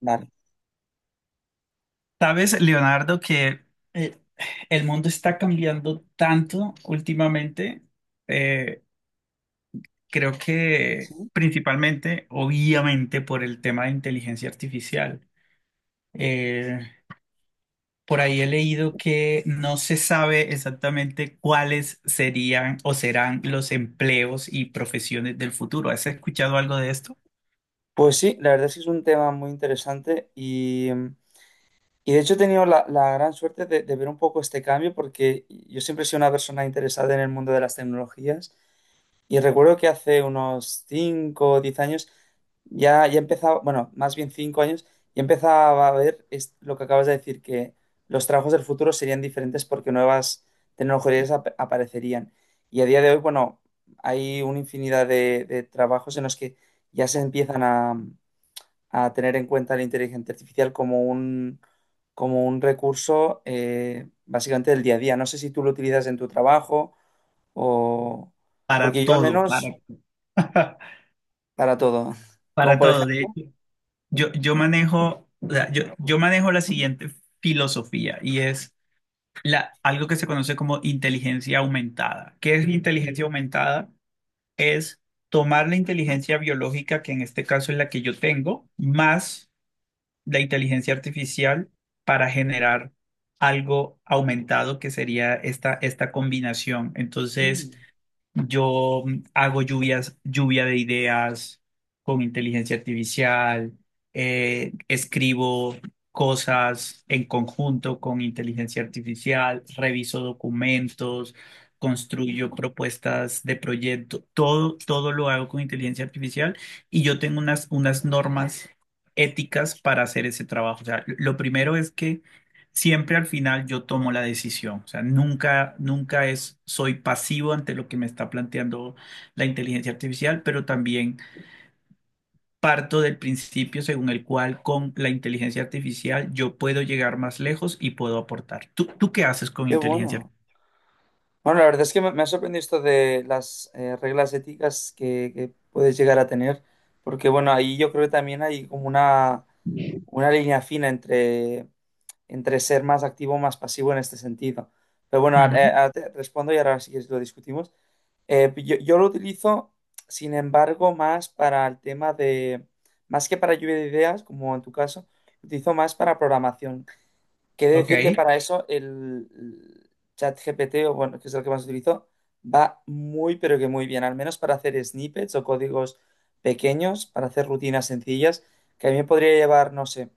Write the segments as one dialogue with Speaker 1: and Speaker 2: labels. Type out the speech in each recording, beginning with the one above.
Speaker 1: Vale.
Speaker 2: Sabes, Leonardo, que eh, el mundo está cambiando tanto últimamente. eh, Creo que
Speaker 1: Sí.
Speaker 2: principalmente, obviamente, por el tema de inteligencia artificial. Eh, por ahí he leído que no se sabe exactamente cuáles serían o serán los empleos y profesiones del futuro. ¿Has escuchado algo de esto?
Speaker 1: Pues sí, la verdad es que es un tema muy interesante y y de hecho he tenido la gran suerte de ver un poco este cambio porque yo siempre he sido una persona interesada en el mundo de las tecnologías. Y recuerdo que hace unos 5 o 10 años ya empezaba, bueno, más bien 5 años, ya empezaba a ver lo que acabas de decir, que los trabajos del futuro serían diferentes porque nuevas tecnologías aparecerían. Y a día de hoy, bueno, hay una infinidad de trabajos en los que ya se empiezan a tener en cuenta la inteligencia artificial como como un recurso básicamente del día a día. No sé si tú lo utilizas en tu trabajo o...
Speaker 2: Para
Speaker 1: Porque yo al
Speaker 2: todo, para,
Speaker 1: menos para todo. Como
Speaker 2: para
Speaker 1: por
Speaker 2: todo. De
Speaker 1: ejemplo,
Speaker 2: hecho, yo manejo, o sea, yo manejo la siguiente filosofía y es la, algo que se conoce como inteligencia aumentada. ¿Qué es la inteligencia aumentada? Es tomar la inteligencia biológica, que en este caso es la que yo tengo, más la inteligencia artificial para generar algo aumentado que sería esta combinación. Entonces,
Speaker 1: mm,
Speaker 2: yo hago lluvias, lluvia de ideas con inteligencia artificial, escribo cosas en conjunto con inteligencia artificial, reviso documentos, construyo propuestas de proyecto, todo lo hago con inteligencia artificial y yo tengo unas, unas normas éticas para hacer ese trabajo. O sea, lo primero es que siempre al final yo tomo la decisión. O sea, nunca, nunca es, soy pasivo ante lo que me está planteando la inteligencia artificial, pero también parto del principio según el cual con la inteligencia artificial yo puedo llegar más lejos y puedo aportar. ¿Tú qué haces con
Speaker 1: qué
Speaker 2: inteligencia
Speaker 1: bueno.
Speaker 2: artificial?
Speaker 1: Bueno, la verdad es que me ha sorprendido esto de las reglas éticas que puedes llegar a tener, porque bueno, ahí yo creo que también hay como una línea fina entre, entre ser más activo o más pasivo en este sentido. Pero bueno,
Speaker 2: Ujú.
Speaker 1: ahora te respondo y ahora sí que lo discutimos. Pues yo lo utilizo, sin embargo, más para el tema de, más que para lluvia de ideas, como en tu caso, lo utilizo más para programación. Quiere
Speaker 2: Ok.
Speaker 1: decir que para eso el ChatGPT, o bueno, que es el que más utilizo, va muy, pero que muy bien, al menos para hacer snippets o códigos pequeños, para hacer rutinas sencillas, que a mí me podría llevar, no sé,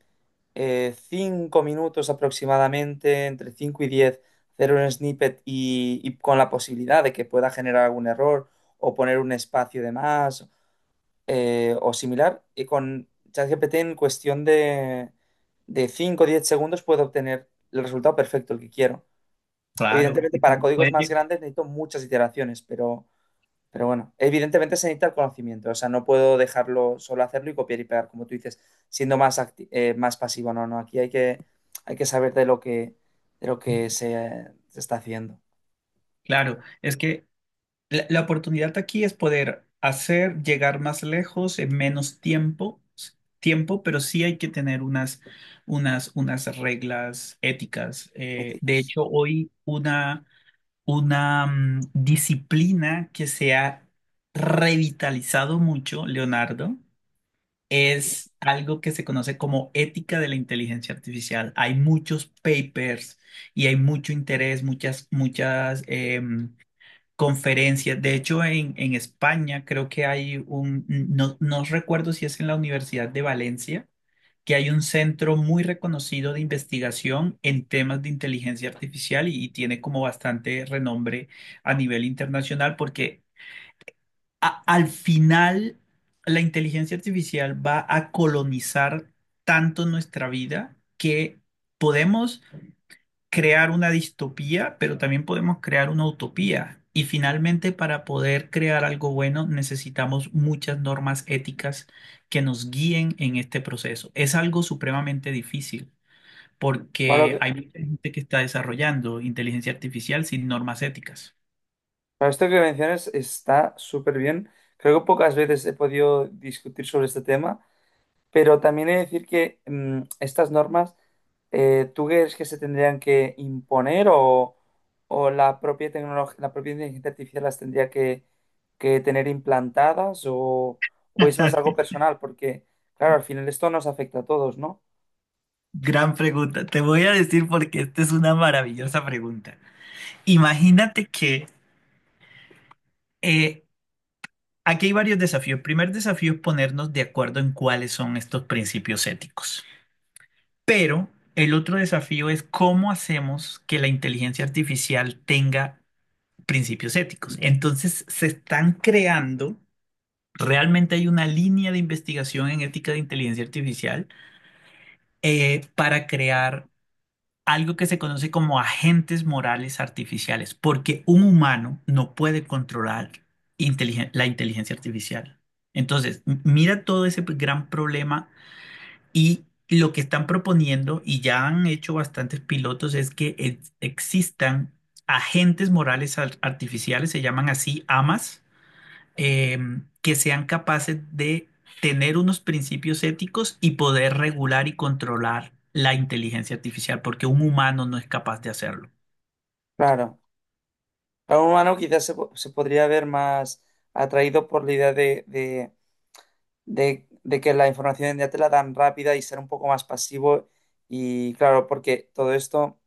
Speaker 1: 5 minutos aproximadamente, entre 5 y 10, hacer un snippet y con la posibilidad de que pueda generar algún error o poner un espacio de más o similar, y con ChatGPT en cuestión de 5 o 10 segundos puedo obtener el resultado perfecto, el que quiero.
Speaker 2: Claro,
Speaker 1: Evidentemente,
Speaker 2: y
Speaker 1: para códigos más grandes necesito muchas iteraciones, pero bueno, evidentemente se necesita el conocimiento, o sea, no puedo dejarlo solo hacerlo y copiar y pegar, como tú dices, siendo más, más pasivo, no, no, aquí hay que saber de lo que se está haciendo.
Speaker 2: claro, es que la oportunidad aquí es poder hacer llegar más lejos en menos tiempo, tiempo, pero sí hay que tener unas, unas, unas reglas éticas. De
Speaker 1: Éticas.
Speaker 2: hecho, hoy una disciplina que se ha revitalizado mucho, Leonardo, es algo que se conoce como ética de la inteligencia artificial. Hay muchos papers y hay mucho interés, muchas, muchas... conferencias. De hecho, en España creo que hay un, no, no recuerdo si es en la Universidad de Valencia, que hay un centro muy reconocido de investigación en temas de inteligencia artificial y tiene como bastante renombre a nivel internacional porque al final la inteligencia artificial va a colonizar tanto nuestra vida que podemos crear una distopía, pero también podemos crear una utopía. Y finalmente, para poder crear algo bueno, necesitamos muchas normas éticas que nos guíen en este proceso. Es algo supremamente difícil porque
Speaker 1: Bueno,
Speaker 2: hay mucha gente que está desarrollando inteligencia artificial sin normas éticas.
Speaker 1: para esto que mencionas está súper bien. Creo que pocas veces he podido discutir sobre este tema, pero también he de decir que mm, estas normas, ¿tú crees que se tendrían que imponer o la propia tecnología, la propia inteligencia artificial las tendría que tener implantadas o es más algo personal? Porque, claro, al final esto nos afecta a todos, ¿no?
Speaker 2: Gran pregunta. Te voy a decir porque esta es una maravillosa pregunta. Imagínate que eh, aquí hay varios desafíos. El primer desafío es ponernos de acuerdo en cuáles son estos principios éticos. Pero el otro desafío es cómo hacemos que la inteligencia artificial tenga principios éticos. Entonces se están creando, realmente hay una línea de investigación en ética de inteligencia artificial para crear algo que se conoce como agentes morales artificiales, porque un humano no puede controlar la inteligencia artificial. Entonces, mira todo ese gran problema y lo que están proponiendo, y ya han hecho bastantes pilotos, es que existan agentes morales artificiales, se llaman así AMAs, eh, que sean capaces de tener unos principios éticos y poder regular y controlar la inteligencia artificial, porque un humano no es capaz de hacerlo.
Speaker 1: Claro. Para un humano quizás se podría ver más atraído por la idea de que la información ya te la dan rápida y ser un poco más pasivo. Y claro, porque todo esto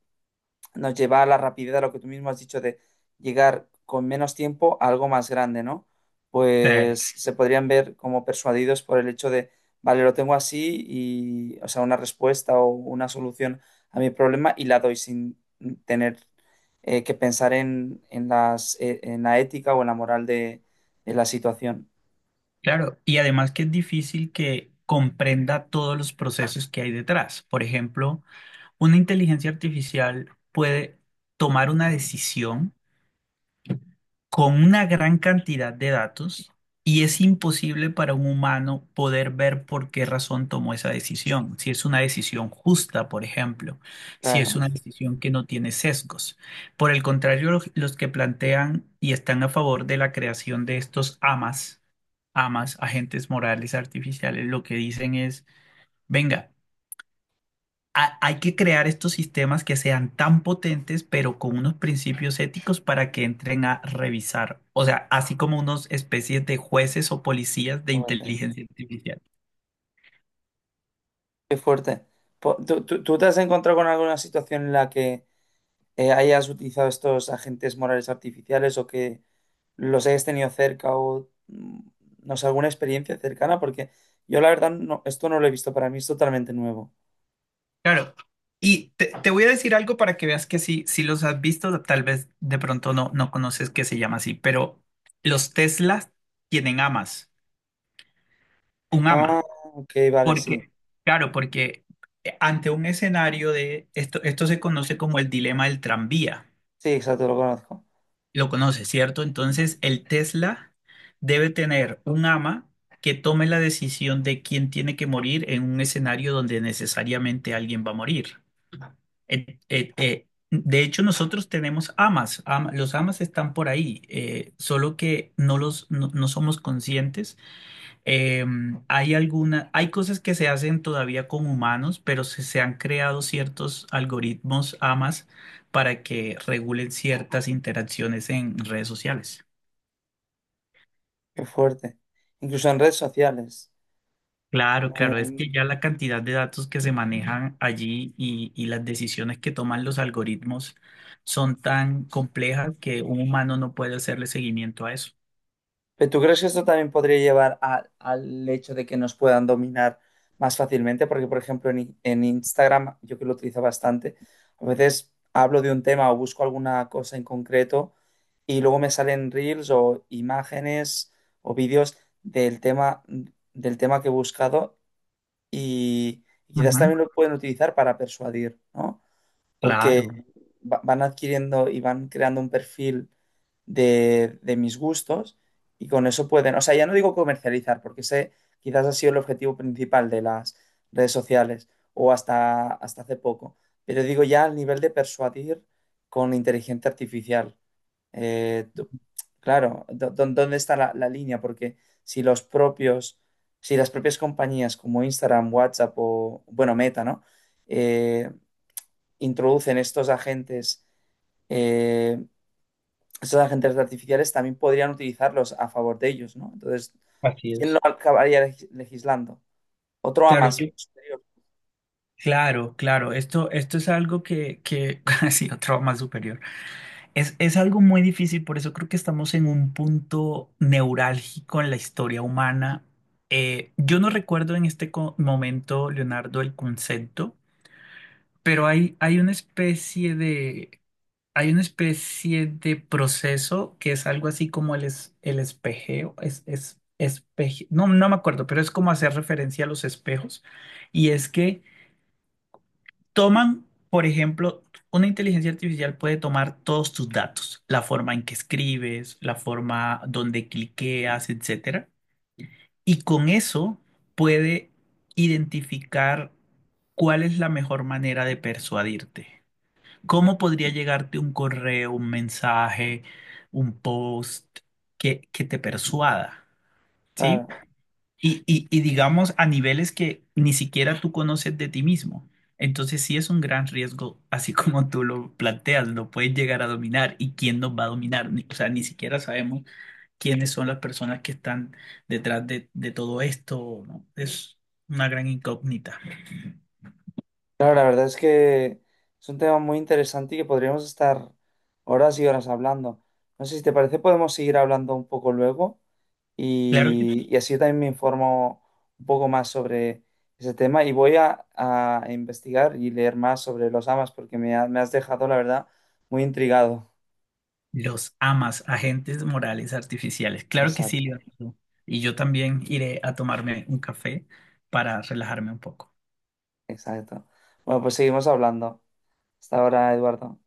Speaker 1: nos lleva a la rapidez, a lo que tú mismo has dicho, de llegar con menos tiempo a algo más grande, ¿no? Pues
Speaker 2: Eh,
Speaker 1: se podrían ver como persuadidos por el hecho de, vale, lo tengo así y, o sea, una respuesta o una solución a mi problema y la doy sin tener que pensar en las, en la ética o en la moral de la situación.
Speaker 2: claro, y además que es difícil que comprenda todos los procesos que hay detrás. Por ejemplo, una inteligencia artificial puede tomar una decisión con una gran cantidad de datos y es imposible para un humano poder ver por qué razón tomó esa decisión. Si es una decisión justa, por ejemplo, si es
Speaker 1: Claro.
Speaker 2: una decisión que no tiene sesgos. Por el contrario, los que plantean y están a favor de la creación de estos AMAs, AMAs, agentes morales artificiales, lo que dicen es, venga, hay que crear estos sistemas que sean tan potentes, pero con unos principios éticos para que entren a revisar. O sea, así como unos especies de jueces o policías de inteligencia artificial.
Speaker 1: Qué fuerte. ¿Tú, tú te has encontrado con alguna situación en la que hayas utilizado estos agentes morales artificiales o que los hayas tenido cerca o mm, no sé, alguna experiencia cercana? Porque yo la verdad no, esto no lo he visto, para mí es totalmente nuevo.
Speaker 2: Claro. Y te voy a decir algo para que veas que sí, si los has visto, tal vez de pronto no, no conoces que se llama así, pero los Teslas tienen amas, un
Speaker 1: Ah,
Speaker 2: ama.
Speaker 1: ok, vale, sí.
Speaker 2: Porque, claro, porque ante un escenario de esto, esto se conoce como el dilema del tranvía.
Speaker 1: Sí, exacto, lo conozco.
Speaker 2: Lo conoce, ¿cierto? Entonces, el Tesla debe tener un ama que tome la decisión de quién tiene que morir en un escenario donde necesariamente alguien va a morir. De hecho, nosotros tenemos amas, los amas están por ahí, solo que no los no somos conscientes eh, hay alguna, hay cosas que se hacen todavía con humanos, pero se han creado ciertos algoritmos AMAs para que regulen ciertas interacciones en redes sociales.
Speaker 1: Qué fuerte. Incluso en redes sociales.
Speaker 2: Claro, claro, es que
Speaker 1: Mm,
Speaker 2: ya la cantidad de datos que se manejan allí y las decisiones que toman los algoritmos son tan complejas que un humano no puede hacerle seguimiento a eso.
Speaker 1: ¿pero tú crees que esto también podría llevar al hecho de que nos puedan dominar más fácilmente? Porque, por ejemplo, en, en Instagram, yo que lo utilizo bastante, a veces hablo de un tema o busco alguna cosa en concreto y luego me salen reels o imágenes o vídeos del tema, del tema que he buscado y quizás
Speaker 2: Ujú.
Speaker 1: también lo pueden utilizar para persuadir, ¿no? Porque
Speaker 2: Claro,
Speaker 1: van adquiriendo y van creando un perfil de mis gustos y con eso pueden, o sea, ya no digo comercializar, porque ese quizás ha sido el objetivo principal de las redes sociales o hasta, hasta hace poco, pero digo ya al nivel de persuadir con inteligencia artificial. Eh, tú- claro, ¿dónde está la línea? Porque si los propios, si las propias compañías como Instagram, WhatsApp o, bueno, Meta, ¿no? Eh, Introducen eh, estos agentes artificiales, también podrían utilizarlos a favor de ellos, ¿no? Entonces,
Speaker 2: así
Speaker 1: ¿quién lo
Speaker 2: es.
Speaker 1: acabaría legislando? Otro a
Speaker 2: Claro,
Speaker 1: más
Speaker 2: yo-
Speaker 1: posterior.
Speaker 2: claro, claro. Esto es algo que ha sido trauma superior. Es algo muy difícil, por eso creo que estamos en un punto neurálgico en la historia humana. Yo no recuerdo en este momento, Leonardo, el concepto, pero hay una especie de, hay una especie de proceso que es algo así como el, el espejeo, es, no, no me acuerdo, pero es como hacer referencia a los espejos. Y es que toman, por ejemplo, una inteligencia artificial puede tomar todos tus datos, la forma en que escribes, la forma donde cliqueas, etcétera, y con eso puede identificar cuál es la mejor manera de persuadirte. ¿Cómo podría llegarte un correo, un mensaje, un post que te persuada? ¿Sí?
Speaker 1: Claro,
Speaker 2: Y digamos a niveles que ni siquiera tú conoces de ti mismo. Entonces sí es un gran riesgo, así como tú lo planteas, lo puedes llegar a dominar y quién nos va a dominar. O sea, ni siquiera sabemos quiénes son las personas que están detrás de todo esto, ¿no? Es una gran incógnita.
Speaker 1: claro, la verdad es que es un tema muy interesante y que podríamos estar horas y horas hablando. No sé si te parece, podemos seguir hablando un poco luego.
Speaker 2: Claro que
Speaker 1: Y así yo también me informo un poco más sobre ese tema y voy a investigar y leer más sobre los amas porque me has dejado, la verdad, muy intrigado.
Speaker 2: los amas, agentes morales artificiales. Claro que sí,
Speaker 1: Exacto,
Speaker 2: Leonardo. Y yo también iré a tomarme un café para relajarme un poco.
Speaker 1: exacto. Bueno, pues seguimos hablando. Hasta ahora, Eduardo.